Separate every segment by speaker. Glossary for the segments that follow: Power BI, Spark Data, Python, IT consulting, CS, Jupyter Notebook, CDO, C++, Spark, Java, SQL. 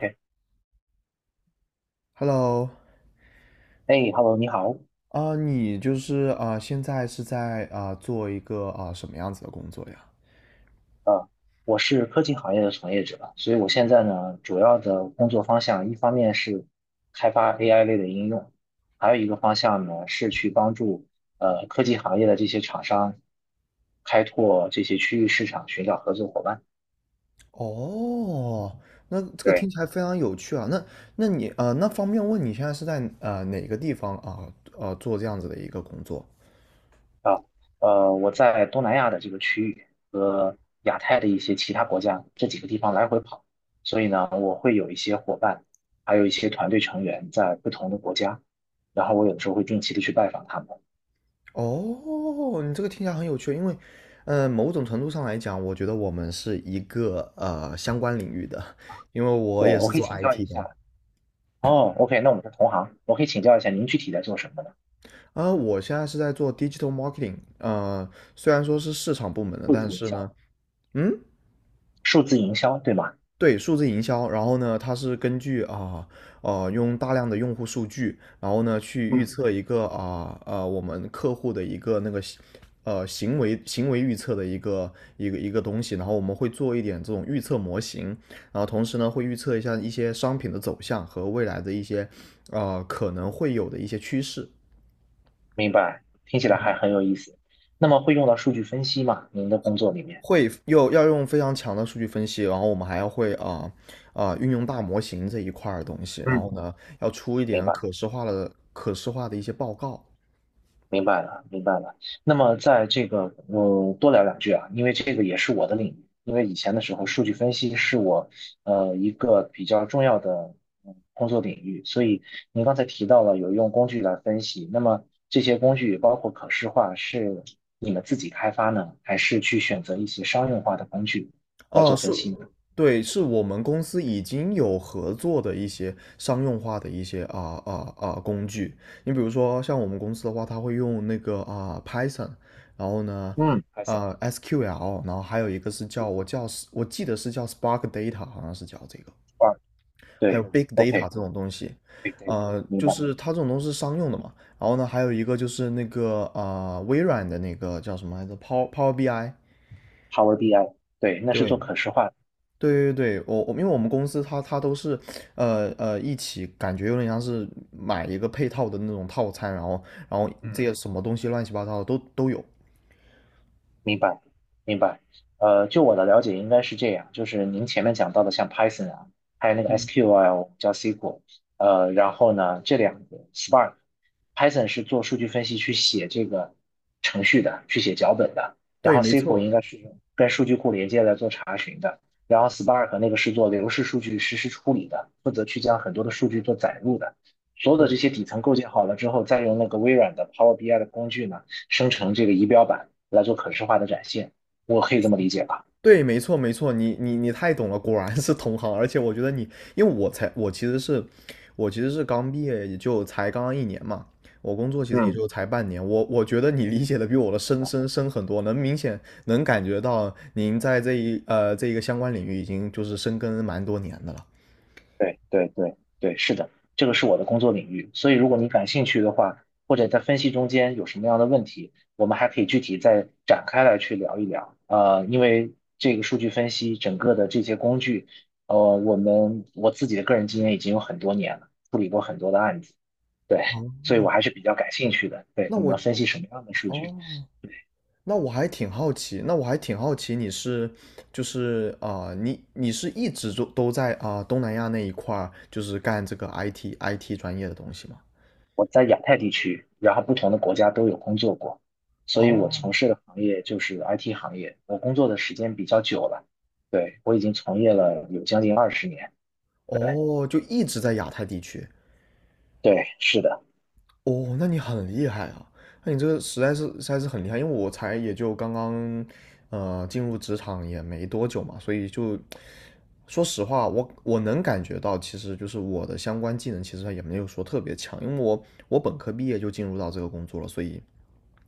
Speaker 1: 哎
Speaker 2: Hello，
Speaker 1: 哎，Hello，你好，
Speaker 2: 你就是现在是在做一个什么样子的工作呀？
Speaker 1: 呃，我是科技行业的从业者，所以我现在呢，主要的工作方向，一方面是开发 AI 类的应用，还有一个方向呢，是去帮助科技行业的这些厂商开拓这些区域市场，寻找合作伙伴。
Speaker 2: 哦，那这个听
Speaker 1: 对。
Speaker 2: 起来非常有趣啊。那你那方便问你现在是在哪个地方做这样子的一个工作？
Speaker 1: 啊，我在东南亚的这个区域和亚太的一些其他国家这几个地方来回跑，所以呢，我会有一些伙伴，还有一些团队成员在不同的国家，然后我有的时候会定期的去拜访他们。
Speaker 2: 哦，你这个听起来很有趣，因为，某种程度上来讲，我觉得我们是一个相关领域的，因为我
Speaker 1: 对，
Speaker 2: 也
Speaker 1: 我
Speaker 2: 是
Speaker 1: 可以
Speaker 2: 做
Speaker 1: 请教
Speaker 2: IT
Speaker 1: 一
Speaker 2: 的。
Speaker 1: 下。哦，OK，那我们是同行，我可以请教一下您具体在做什么呢？
Speaker 2: 我现在是在做 digital marketing，虽然说是市场部门的，
Speaker 1: 数
Speaker 2: 但
Speaker 1: 字营
Speaker 2: 是
Speaker 1: 销，
Speaker 2: 呢，嗯，
Speaker 1: 数字营销，对吗？
Speaker 2: 对，数字营销，然后呢，它是根据用大量的用户数据，然后呢去预
Speaker 1: 嗯，
Speaker 2: 测一个我们客户的一个那个行为预测的一个东西，然后我们会做一点这种预测模型，然后同时呢会预测一下一些商品的走向和未来的一些可能会有的一些趋势。
Speaker 1: 明白，听起
Speaker 2: 然
Speaker 1: 来
Speaker 2: 后。
Speaker 1: 还很有意思。那么会用到数据分析吗？您的工作里面？
Speaker 2: 会又要用非常强的数据分析，然后我们还要会运用大模型这一块儿的东西，然
Speaker 1: 嗯，
Speaker 2: 后呢要出一
Speaker 1: 明
Speaker 2: 点
Speaker 1: 白。
Speaker 2: 可视化的一些报告。
Speaker 1: 明白了，明白了。那么在这个，我多聊两句啊，因为这个也是我的领域。因为以前的时候，数据分析是我一个比较重要的工作领域。所以您刚才提到了有用工具来分析，那么这些工具包括可视化，是你们自己开发呢，还是去选择一些商用化的工具来
Speaker 2: 哦、
Speaker 1: 做
Speaker 2: 是，
Speaker 1: 分析呢？
Speaker 2: 对，是我们公司已经有合作的一些商用化的一些工具。你比如说像我们公司的话，它会用那个Python，然后呢。
Speaker 1: 嗯，Python
Speaker 2: SQL，然后还有一个是
Speaker 1: 这
Speaker 2: 叫
Speaker 1: 个
Speaker 2: 我叫我记得是叫 Spark Data，好像是叫这个。
Speaker 1: 话
Speaker 2: 还有
Speaker 1: 对
Speaker 2: big data 这种
Speaker 1: ，OK，Big
Speaker 2: 东西，
Speaker 1: Data，明
Speaker 2: 就
Speaker 1: 白。
Speaker 2: 是它这种东西是商用的嘛。然后呢，还有一个就是那个微软的那个叫什么来着，Power BI。
Speaker 1: Power BI，对，那是
Speaker 2: 对
Speaker 1: 做
Speaker 2: 嗯
Speaker 1: 可视化的。
Speaker 2: 对对对，我因为我们公司它都是一起，感觉有点像是买一个配套的那种套餐，然后这
Speaker 1: 嗯。
Speaker 2: 些什么东西乱七八糟的都有。
Speaker 1: 明白，明白。就我的了解，应该是这样，就是您前面讲到的，像 Python 啊，还有那个 SQL 叫 SQL，然后呢，这两个 Spark，Python 是做数据分析去写这个程序的，去写脚本的，然
Speaker 2: 对，
Speaker 1: 后
Speaker 2: 没
Speaker 1: SQL 应
Speaker 2: 错，
Speaker 1: 该是跟数据库连接来做查询的，然后 Spark 那个是做流式数据实时处理的，负责去将很多的数据做载入的。所有的
Speaker 2: 对，
Speaker 1: 这些底层构建好了之后，再用那个微软的 Power BI 的工具呢，生成这个仪表板。来做可视化的展现，我可
Speaker 2: 没
Speaker 1: 以这么
Speaker 2: 错。
Speaker 1: 理解吧？
Speaker 2: 对，没错，没错，你太懂了，果然是同行。而且我觉得你，因为我才，我其实是刚毕业，也就才刚刚一年嘛，我工作其实也
Speaker 1: 嗯，
Speaker 2: 就才半年。我觉得你理解的比我的
Speaker 1: 明白。
Speaker 2: 深很多，能明显能感觉到您在这一个相关领域已经就是深耕蛮多年的了。
Speaker 1: 对对对对，是的，这个是我的工作领域，所以如果你感兴趣的话，或者在分析中间有什么样的问题，我们还可以具体再展开来去聊一聊。因为这个数据分析整个的这些工具，我们我自己的个人经验已经有很多年了，处理过很多的案子，对，
Speaker 2: 哦，
Speaker 1: 所以我还是比较感兴趣的。对，
Speaker 2: 那
Speaker 1: 你们
Speaker 2: 我
Speaker 1: 分析什么样的数据？
Speaker 2: 哦，那我还挺好奇，就是你是一直都在东南亚那一块儿，就是干这个 IT 专业的东西吗？
Speaker 1: 我在亚太地区，然后不同的国家都有工作过，所以我
Speaker 2: 哦
Speaker 1: 从事的行业就是 IT 行业。我工作的时间比较久了，对，我已经从业了有将近二十年。对，
Speaker 2: 哦，就一直在亚太地区。
Speaker 1: 对，是的，
Speaker 2: 哦，那你很厉害啊！那你这个实在是很厉害，因为我才也就刚刚，进入职场也没多久嘛，所以就说实话，我能感觉到，其实就是我的相关技能其实也没有说特别强，因为我本科毕业就进入到这个工作了，所以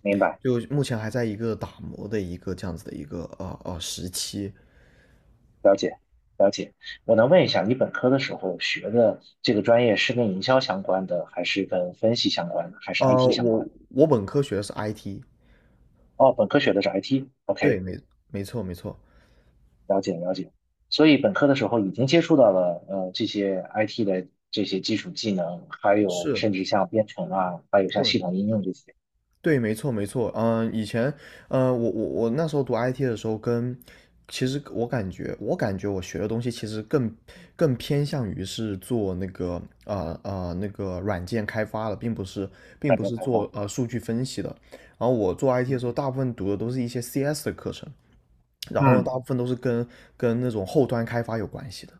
Speaker 1: 明白，
Speaker 2: 就目前还在一个打磨的一个这样子的一个时期。
Speaker 1: 了解，了解。我能问一下，你本科的时候学的这个专业是跟营销相关的，还是跟分析相关的，还是
Speaker 2: 呃，
Speaker 1: IT 相
Speaker 2: 我
Speaker 1: 关的？
Speaker 2: 我本科学的是 IT，
Speaker 1: 哦，本科学的是
Speaker 2: 对，
Speaker 1: IT，OK，
Speaker 2: 没错没错，
Speaker 1: 了解了解，所以本科的时候已经接触到了这些 IT 的这些基础技能，还有
Speaker 2: 是，
Speaker 1: 甚至像编程啊，还有像
Speaker 2: 对。
Speaker 1: 系统应用这些
Speaker 2: 对，没错，没错。嗯，以前，我那时候读 IT 的时候跟，其实我感觉，我感觉我学的东西其实更偏向于是做那个那个软件开发的，并
Speaker 1: 软
Speaker 2: 不
Speaker 1: 件
Speaker 2: 是
Speaker 1: 开发。
Speaker 2: 做数据分析的。然后我做 IT 的
Speaker 1: 嗯，
Speaker 2: 时候，大部分读的都是一些 CS 的课程，然后呢，大
Speaker 1: 嗯，
Speaker 2: 部分都是跟那种后端开发有关系的。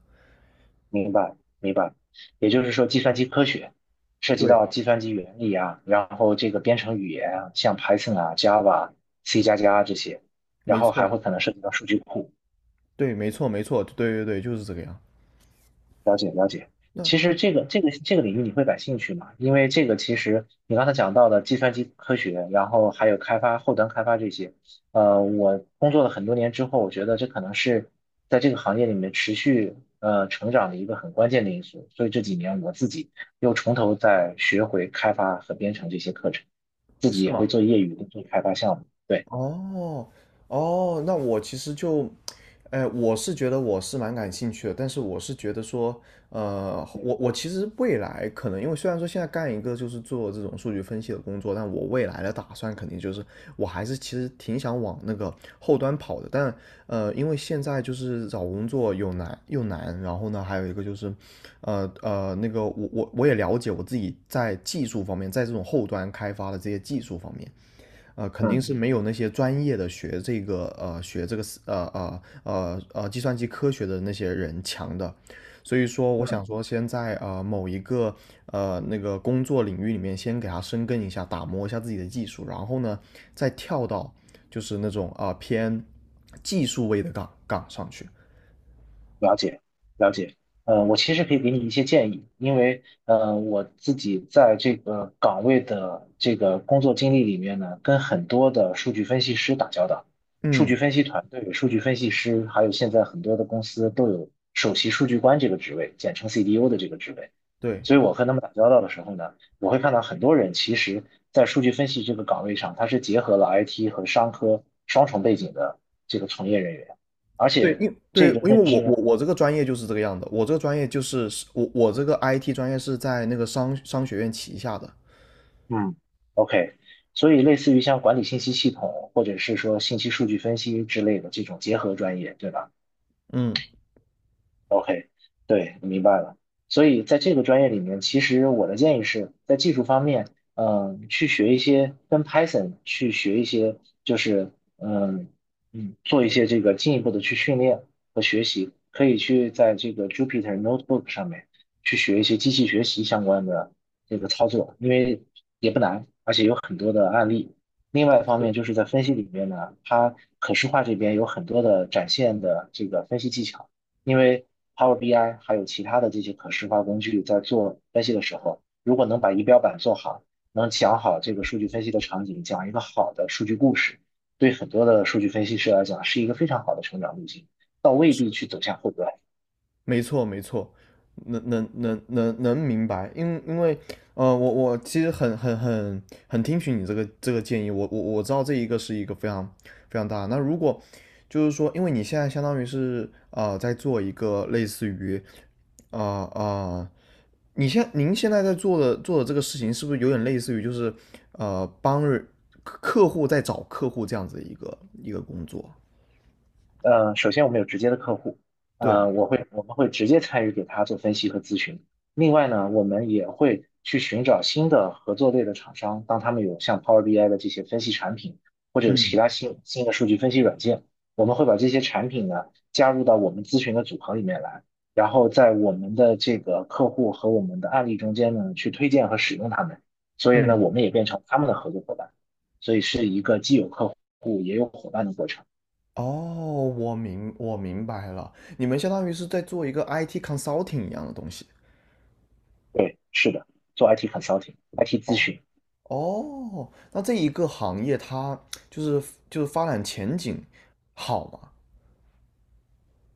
Speaker 1: 明白明白。也就是说，计算机科学涉及
Speaker 2: 对，
Speaker 1: 到计算机原理啊，然后这个编程语言啊，像 Python 啊、Java、C 加加这些，然
Speaker 2: 没
Speaker 1: 后
Speaker 2: 错，
Speaker 1: 还会可能涉及到数据库。
Speaker 2: 对，没错，没错，对对对，就是这个样。
Speaker 1: 了解了解。
Speaker 2: 那
Speaker 1: 其实这个领域你会感兴趣吗？因为这个其实你刚才讲到的计算机科学，然后还有开发后端开发这些，我工作了很多年之后，我觉得这可能是在这个行业里面持续成长的一个很关键的因素。所以这几年我自己又从头再学回开发和编程这些课程，自己
Speaker 2: 是
Speaker 1: 也会
Speaker 2: 吗？
Speaker 1: 做业余的做开发项目。对，
Speaker 2: 哦，哦，那我其实就，哎、我是觉得我是蛮感兴趣的，但是我是觉得说，
Speaker 1: 对，
Speaker 2: 我其实未来可能，因为虽然说现在干一个就是做这种数据分析的工作，但我未来的打算肯定就是，我还是其实挺想往那个后端跑的，但因为现在就是找工作又难又难，然后呢，还有一个就是，那个我也了解我自己在技术方面，在这种后端开发的这些技术方面。肯定
Speaker 1: 嗯
Speaker 2: 是没有那些专业的学这个计算机科学的那些人强的，所以说我
Speaker 1: 嗯。
Speaker 2: 想说先在某一个那个工作领域里面先给他深耕一下，打磨一下自己的技术，然后呢再跳到就是那种偏技术位的岗上去。
Speaker 1: 了解，了解。我其实可以给你一些建议，因为我自己在这个岗位的这个工作经历里面呢，跟很多的数据分析师打交道，数
Speaker 2: 嗯，
Speaker 1: 据分析团队、数据分析师，还有现在很多的公司都有首席数据官这个职位，简称 CDO 的这个职位。
Speaker 2: 对。
Speaker 1: 所以我和他们打交道的时候呢，我会看到很多人其实在数据分析这个岗位上，他是结合了 IT 和商科双重背景的这个从业人员。而
Speaker 2: 对，
Speaker 1: 且
Speaker 2: 对，
Speaker 1: 这个
Speaker 2: 因为
Speaker 1: 认
Speaker 2: 我
Speaker 1: 知
Speaker 2: 我
Speaker 1: 呢，
Speaker 2: 我这个专业就是这个样的，我这个专业就是我这个 IT 专业是在那个商学院旗下的，
Speaker 1: 嗯，OK，所以类似于像管理信息系统，或者是说信息数据分析之类的这种结合专业，对吧？
Speaker 2: 嗯，
Speaker 1: OK，对，明白了。所以在这个专业里面，其实我的建议是在技术方面，去学一些跟 Python 去学一些，就是嗯做一些这个进一步的去训练和学习，可以去在这个 Jupyter Notebook 上面去学一些机器学习相关的这个操作，因为也不难，而且有很多的案例。另外一方面就是在分析里面呢，它可视化这边有很多的展现的这个分析技巧。因为 Power BI 还有其他的这些可视化工具在做分析的时候，如果能把仪表板做好，能讲好这个数据分析的场景，讲一个好的数据故事，对很多的数据分析师来讲是一个非常好的成长路径，倒未必去走向后端。
Speaker 2: 没错，没错，能明白，因为我其实很听取你这个建议，我知道这一个是一个非常非常大的。那如果就是说，因为你现在相当于是在做一个类似于啊啊、呃呃，您现在在做的这个事情，是不是有点类似于就是呃帮人客户在找客户这样子的一个工作？
Speaker 1: 首先我们有直接的客户，
Speaker 2: 对，
Speaker 1: 我们会直接参与给他做分析和咨询。另外呢，我们也会去寻找新的合作类的厂商，当他们有像 Power BI 的这些分析产品，或者有
Speaker 2: 嗯
Speaker 1: 其他新的数据分析软件，我们会把这些产品呢加入到我们咨询的组合里面来，然后在我们的这个客户和我们的案例中间呢去推荐和使用他们。所以呢，
Speaker 2: 嗯。
Speaker 1: 我们也变成他们的合作伙伴，也有伙伴的过程。
Speaker 2: 哦，我明白了，你们相当于是在做一个 IT consulting 一样的东西。
Speaker 1: 是的，做 IT consulting、IT 咨
Speaker 2: 哦，
Speaker 1: 询。
Speaker 2: 哦，那这一个行业它就是发展前景好吗？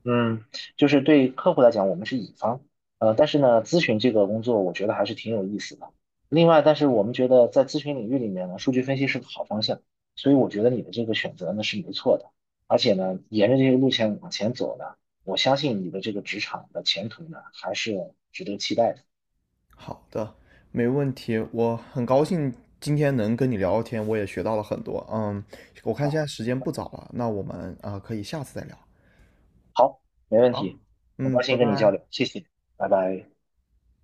Speaker 1: 嗯，就是对客户来讲，我们是乙方，但是呢，咨询这个工作，我觉得还是挺有意思的。另外，但是我们觉得在咨询领域里面呢，数据分析是个好方向，所以我觉得你的这个选择呢是没错的。而且呢，沿着这个路线往前走呢，我相信你的这个职场的前途呢还是值得期待的
Speaker 2: 好的，没问题。我很高兴今天能跟你聊聊天，我也学到了很多。嗯，我看现
Speaker 1: 啊。
Speaker 2: 在时间不早了，那我们可以下次再聊。
Speaker 1: 好，没问
Speaker 2: 好，
Speaker 1: 题，很
Speaker 2: 嗯，
Speaker 1: 高
Speaker 2: 拜
Speaker 1: 兴跟你交
Speaker 2: 拜。
Speaker 1: 流，谢谢，拜拜。